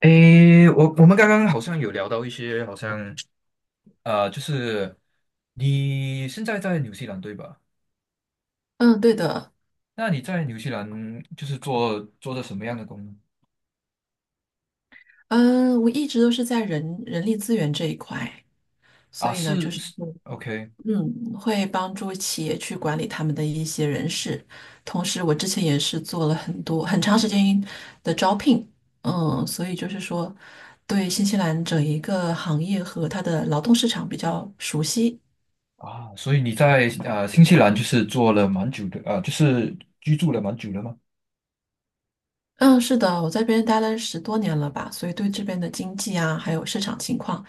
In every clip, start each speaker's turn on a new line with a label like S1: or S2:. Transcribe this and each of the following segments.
S1: 诶，我们刚刚好像有聊到一些，好像就是你现在在纽西兰对吧？
S2: 嗯，对的，
S1: 那你在纽西兰就是做的什么样的工呢？
S2: 嗯，我一直都是在人力资源这一块，
S1: 啊，
S2: 所以呢，就
S1: 是
S2: 是
S1: 是
S2: 会
S1: ，OK。
S2: 嗯，会帮助企业去管理他们的一些人事，同时我之前也是做了很多很长时间的招聘，所以就是说，对新西兰整一个行业和它的劳动市场比较熟悉。
S1: 啊，所以你在新西兰就是做了蛮久的，啊，就是居住了蛮久了吗？
S2: 嗯，是的，我在这边待了10多年了吧，所以对这边的经济啊，还有市场情况，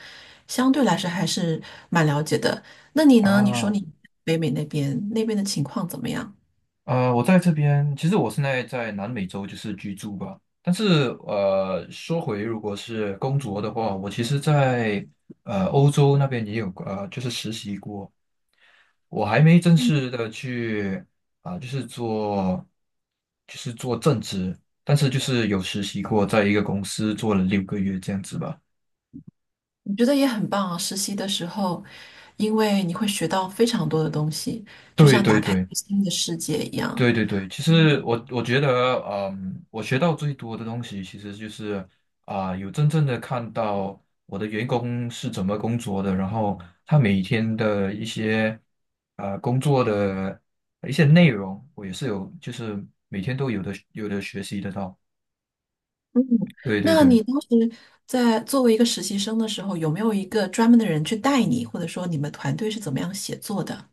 S2: 相对来说还是蛮了解的。那你呢？你说
S1: 啊，
S2: 你北美那边的情况怎么样？
S1: 我在这边，其实我现在在南美洲就是居住吧。但是说回如果是工作的话，我其实在欧洲那边也有就是实习过。我还没正式的去啊、就是做就是做正职，但是就是有实习过，在一个公司做了6个月这样子吧。
S2: 我觉得也很棒啊。实习的时候，因为你会学到非常多的东西，就
S1: 对
S2: 像打
S1: 对
S2: 开一
S1: 对。
S2: 个新的世界一样。
S1: 对对对，其实我觉得，我学到最多的东西其实就是有真正的看到我的员工是怎么工作的，然后他每天的一些工作的一些内容，我也是有，就是每天都有的学习得到。对对
S2: 那
S1: 对。
S2: 你当时在作为一个实习生的时候，有没有一个专门的人去带你，或者说你们团队是怎么样写作的？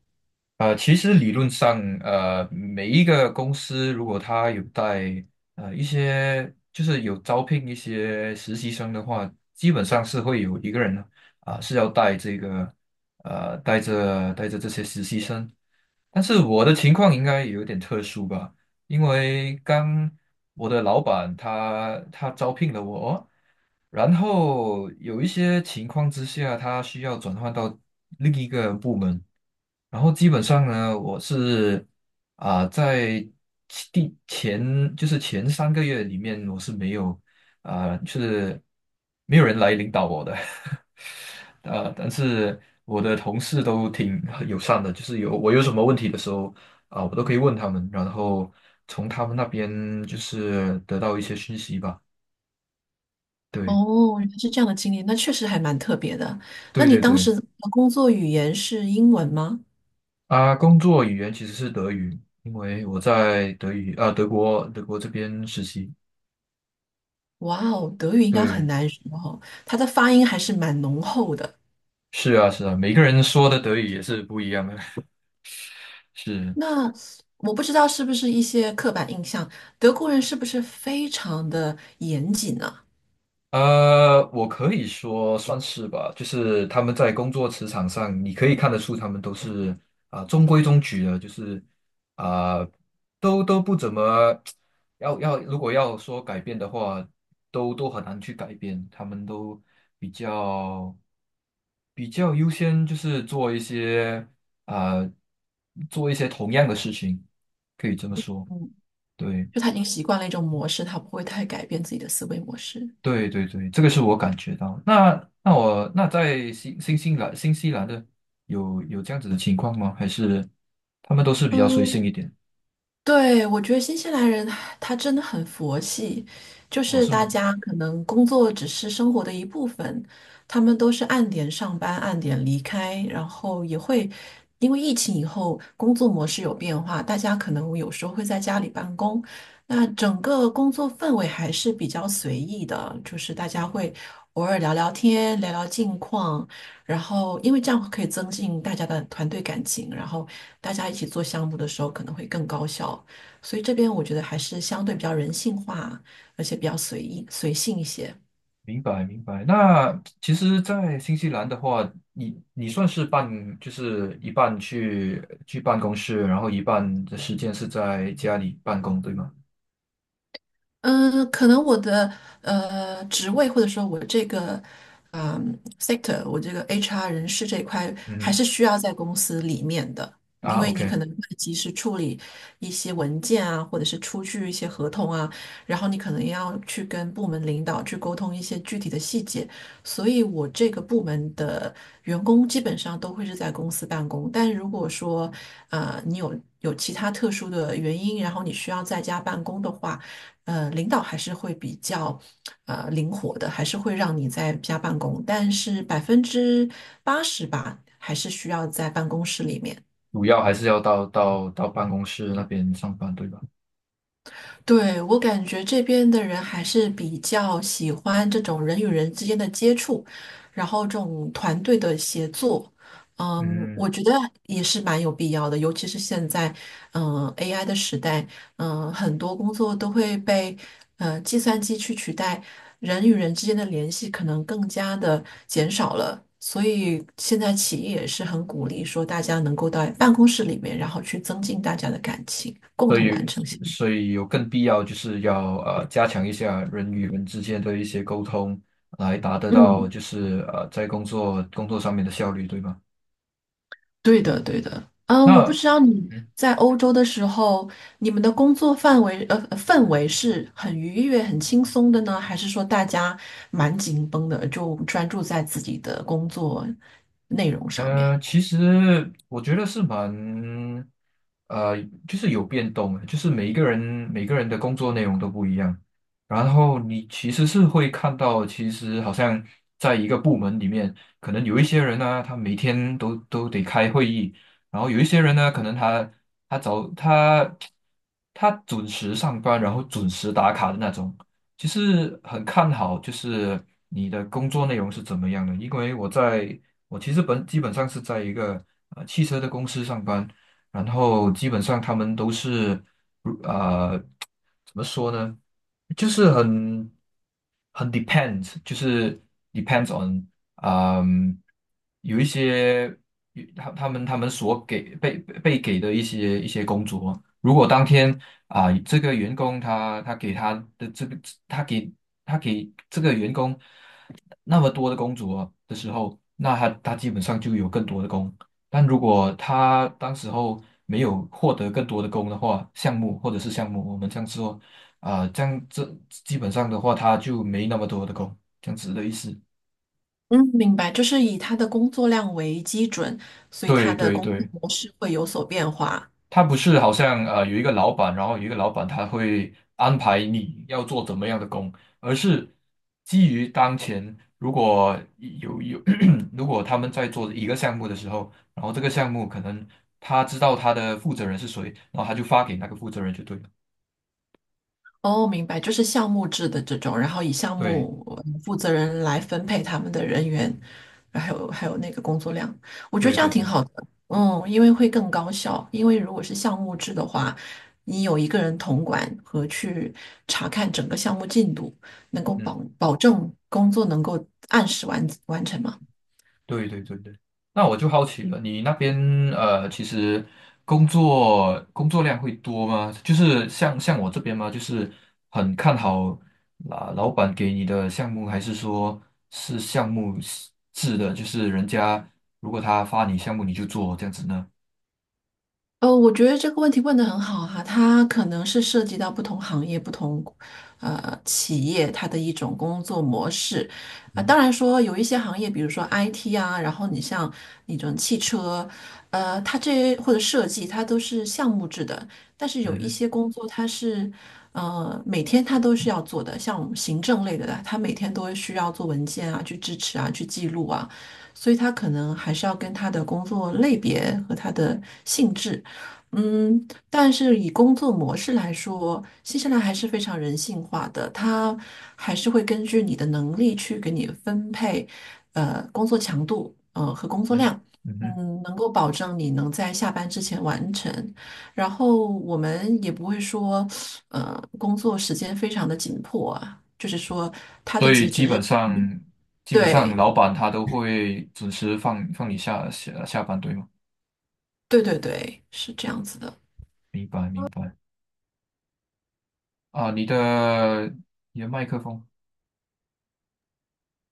S1: 其实理论上，每一个公司如果他有带一些，就是有招聘一些实习生的话，基本上是会有一个人是要带这个带着这些实习生。但是我的情况应该有点特殊吧，因为刚我的老板他招聘了我，然后有一些情况之下，他需要转换到另一个部门。然后基本上呢，我是在其第前就是前3个月里面，我是没有就是没有人来领导我的，但是我的同事都挺友善的，就是我有什么问题的时候我都可以问他们，然后从他们那边就是得到一些讯息吧。对，
S2: 哦，原来是这样的经历，那确实还蛮特别的。那
S1: 对
S2: 你
S1: 对
S2: 当
S1: 对，
S2: 时的工作语言是英文吗？
S1: 啊，工作语言其实是德语，因为我在德语啊、德国德国这边实习。
S2: 哇哦，德语应该很
S1: 对，
S2: 难学哦，它的发音还是蛮浓厚的。
S1: 是啊，是啊，每个人说的德语也是不一样的。是，
S2: 那我不知道是不是一些刻板印象，德国人是不是非常的严谨呢？
S1: 我可以说算是吧，就是他们在工作职场上，你可以看得出他们都是中规中矩的，就是啊、都不怎么 要，如果要说改变的话，都很难去改变，他们都比较比较优先，就是啊、做一些同样的事情，可以这么说，
S2: 嗯，
S1: 对。
S2: 就他已经习惯了一种模式，他不会太改变自己的思维模式。
S1: 对对对，这个是我感觉到。那我在新西兰的有这样子的情况吗？还是他们都是比较随
S2: 嗯。
S1: 性一点？
S2: 对，我觉得新西兰人他真的很佛系，就
S1: 哦，
S2: 是
S1: 是
S2: 大
S1: 吗？
S2: 家可能工作只是生活的一部分，他们都是按点上班，按点离开，然后也会因为疫情以后工作模式有变化，大家可能有时候会在家里办公，那整个工作氛围还是比较随意的，就是大家会偶尔聊聊天，聊聊近况，然后因为这样可以增进大家的团队感情，然后大家一起做项目的时候可能会更高效。所以这边我觉得还是相对比较人性化，而且比较随意随性一些。
S1: 明白明白。那其实，在新西兰的话，你算是就是一半去办公室，然后一半的时间是在家里办公，对吗？
S2: 可能我的职位或者说我这个sector，我这个 HR 人事这一块还
S1: 嗯
S2: 是需要在公司里面的，
S1: 哼
S2: 因
S1: 啊
S2: 为你
S1: ，OK。
S2: 可能会及时处理一些文件啊，或者是出具一些合同啊，然后你可能要去跟部门领导去沟通一些具体的细节，所以我这个部门的员工基本上都会是在公司办公，但如果说你有其他特殊的原因，然后你需要在家办公的话，领导还是会比较灵活的，还是会让你在家办公，但是80%吧，还是需要在办公室里面。
S1: 主要还是要到办公室那边上班，对吧？
S2: 对，我感觉这边的人还是比较喜欢这种人与人之间的接触，然后这种团队的协作，
S1: 嗯。
S2: 我觉得也是蛮有必要的，尤其是现在，AI 的时代，很多工作都会被计算机去取代，人与人之间的联系可能更加的减少了，所以现在企业也是很鼓励说大家能够到办公室里面，然后去增进大家的感情，共
S1: 所
S2: 同完
S1: 以
S2: 成项目。
S1: 所以有更必要就是要加强一下人与人之间的一些沟通，来达得到
S2: 嗯。
S1: 就是在工作上面的效率，对吧？
S2: 对的，对的。嗯，我不
S1: 那
S2: 知道你
S1: 嗯。
S2: 在欧洲的时候，你们的工作范围氛围是很愉悦、很轻松的呢，还是说大家蛮紧绷的，就专注在自己的工作内容上面？
S1: 其实我觉得是蛮，呃，就是有变动的就是每个人的工作内容都不一样，然后你其实是会看到，其实好像在一个部门里面，可能有一些人呢，他每天都得开会议，然后有一些人呢，可能他他早他他准时上班，然后准时打卡的那种，其实很看好，就是你的工作内容是怎么样的。因为我其实基本上是在一个汽车的公司上班，然后基本上他们都是，怎么说呢？就是很 depends，就是 depends on，嗯，有一些有他他们他们所给被被给的一些工作，如果当天这个员工他给他的这个他给他给这个员工那么多的工作的时候，那他基本上就有更多的工。但如果他当时候没有获得更多的工的话，项目或者是项目，我们这样说，啊，这样这基本上的话，他就没那么多的工，这样子的意思。
S2: 嗯，明白，就是以他的工作量为基准，所以
S1: 对
S2: 他的
S1: 对
S2: 工作
S1: 对，
S2: 模式会有所变化。
S1: 他不是好像有一个老板，然后有一个老板他会安排你要做怎么样的工，而是基于当前，如果有 如果他们在做一个项目的时候，然后这个项目可能他知道他的负责人是谁，然后他就发给那个负责人就对了。
S2: 哦，明白，就是项目制的这种，然后以项
S1: 对
S2: 目负责人来分配他们的人员，还有那个工作量，我觉得
S1: 对
S2: 这
S1: 对
S2: 样挺
S1: 对，
S2: 好的。因为会更高效，因为如果是项目制的话，你有一个人统管和去查看整个项目进度，能够
S1: 嗯。
S2: 保证工作能够按时完成嘛。
S1: 对对对对，那我就好奇了，你那边其实工作量会多吗？就是像我这边吗？就是很看好啊，老板给你的项目，还是说是项目制的？就是人家如果他发你项目，你就做这样子呢？
S2: 我觉得这个问题问得很好哈，它可能是涉及到不同行业、不同企业它的一种工作模式啊、
S1: 嗯
S2: 当
S1: 哼
S2: 然说有一些行业，比如说 IT 啊，然后你像那种汽车，它这或者设计，它都是项目制的。但是
S1: 嗯
S2: 有一
S1: 哼
S2: 些工作，它是每天它都是要做的，像行政类的，它每天都会需要做文件啊，去支持啊，去记录啊，所以它可能还是要跟它的工作类别和它的性质。但是以工作模式来说，新西兰还是非常人性化的，它还是会根据你的能力去给你分配，工作强度，和工
S1: 嗯
S2: 作
S1: 哼
S2: 量，
S1: 嗯哼，
S2: 能够保证你能在下班之前完成。然后我们也不会说，工作时间非常的紧迫啊，就是说它的
S1: 所以
S2: 截止
S1: 基
S2: 日
S1: 本上
S2: 期，
S1: 基本上
S2: 对，
S1: 老板他都会准时放你下班，对吗？
S2: 对对对，是这样子的。
S1: 明白明白啊，你的麦克风。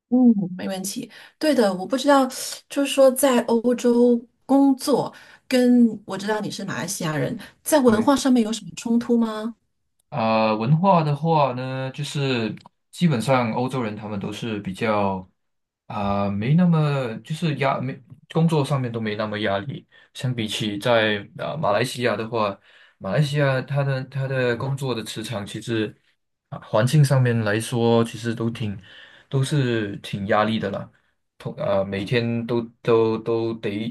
S2: 嗯，没对的，我不知道，就是说在欧洲工作，跟我知道你是马来西亚人，在文
S1: 对，
S2: 化上面有什么冲突吗？
S1: 文化的话呢，就是基本上欧洲人他们都是比较没那么就是压没工作上面都没那么压力，相比起在马来西亚的话，马来西亚它的工作的磁场其实环境上面来说，其实都挺压力的啦，每天都得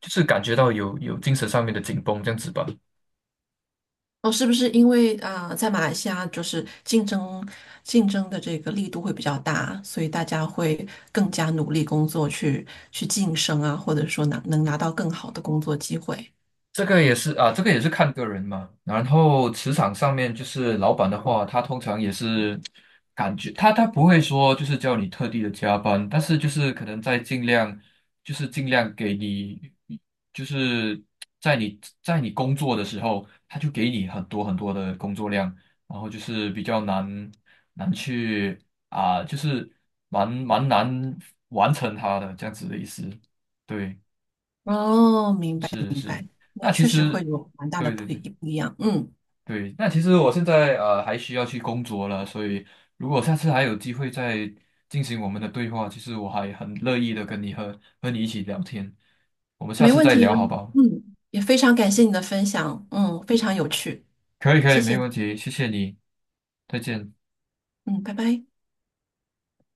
S1: 就是感觉到有精神上面的紧绷这样子吧。
S2: 哦，是不是因为啊、在马来西亚就是竞争的这个力度会比较大，所以大家会更加努力工作去晋升啊，或者说拿能拿到更好的工作机会。
S1: 这个也是啊，这个也是看个人嘛。然后职场上面就是老板的话，他通常也是感觉他不会说就是叫你特地的加班，但是就是可能在尽量给你，就是在你工作的时候，他就给你很多很多的工作量，然后就是比较难去就是蛮难完成他的这样子的意思，对。
S2: 哦，明白
S1: 是
S2: 明
S1: 是，
S2: 白，那
S1: 那其
S2: 确实会
S1: 实，
S2: 有蛮大的
S1: 对对对
S2: 不一样。嗯，
S1: 对，那其实我现在还需要去工作了，所以如果下次还有机会再进行我们的对话，其实我还很乐意的跟你和你一起聊天，我们下
S2: 没
S1: 次
S2: 问
S1: 再
S2: 题
S1: 聊
S2: 啊。
S1: 好不好？
S2: 嗯，也非常感谢你的分享，非常有趣。
S1: 可以可以，
S2: 谢
S1: 没
S2: 谢你，
S1: 问题，谢谢你，再见。
S2: 嗯，拜拜。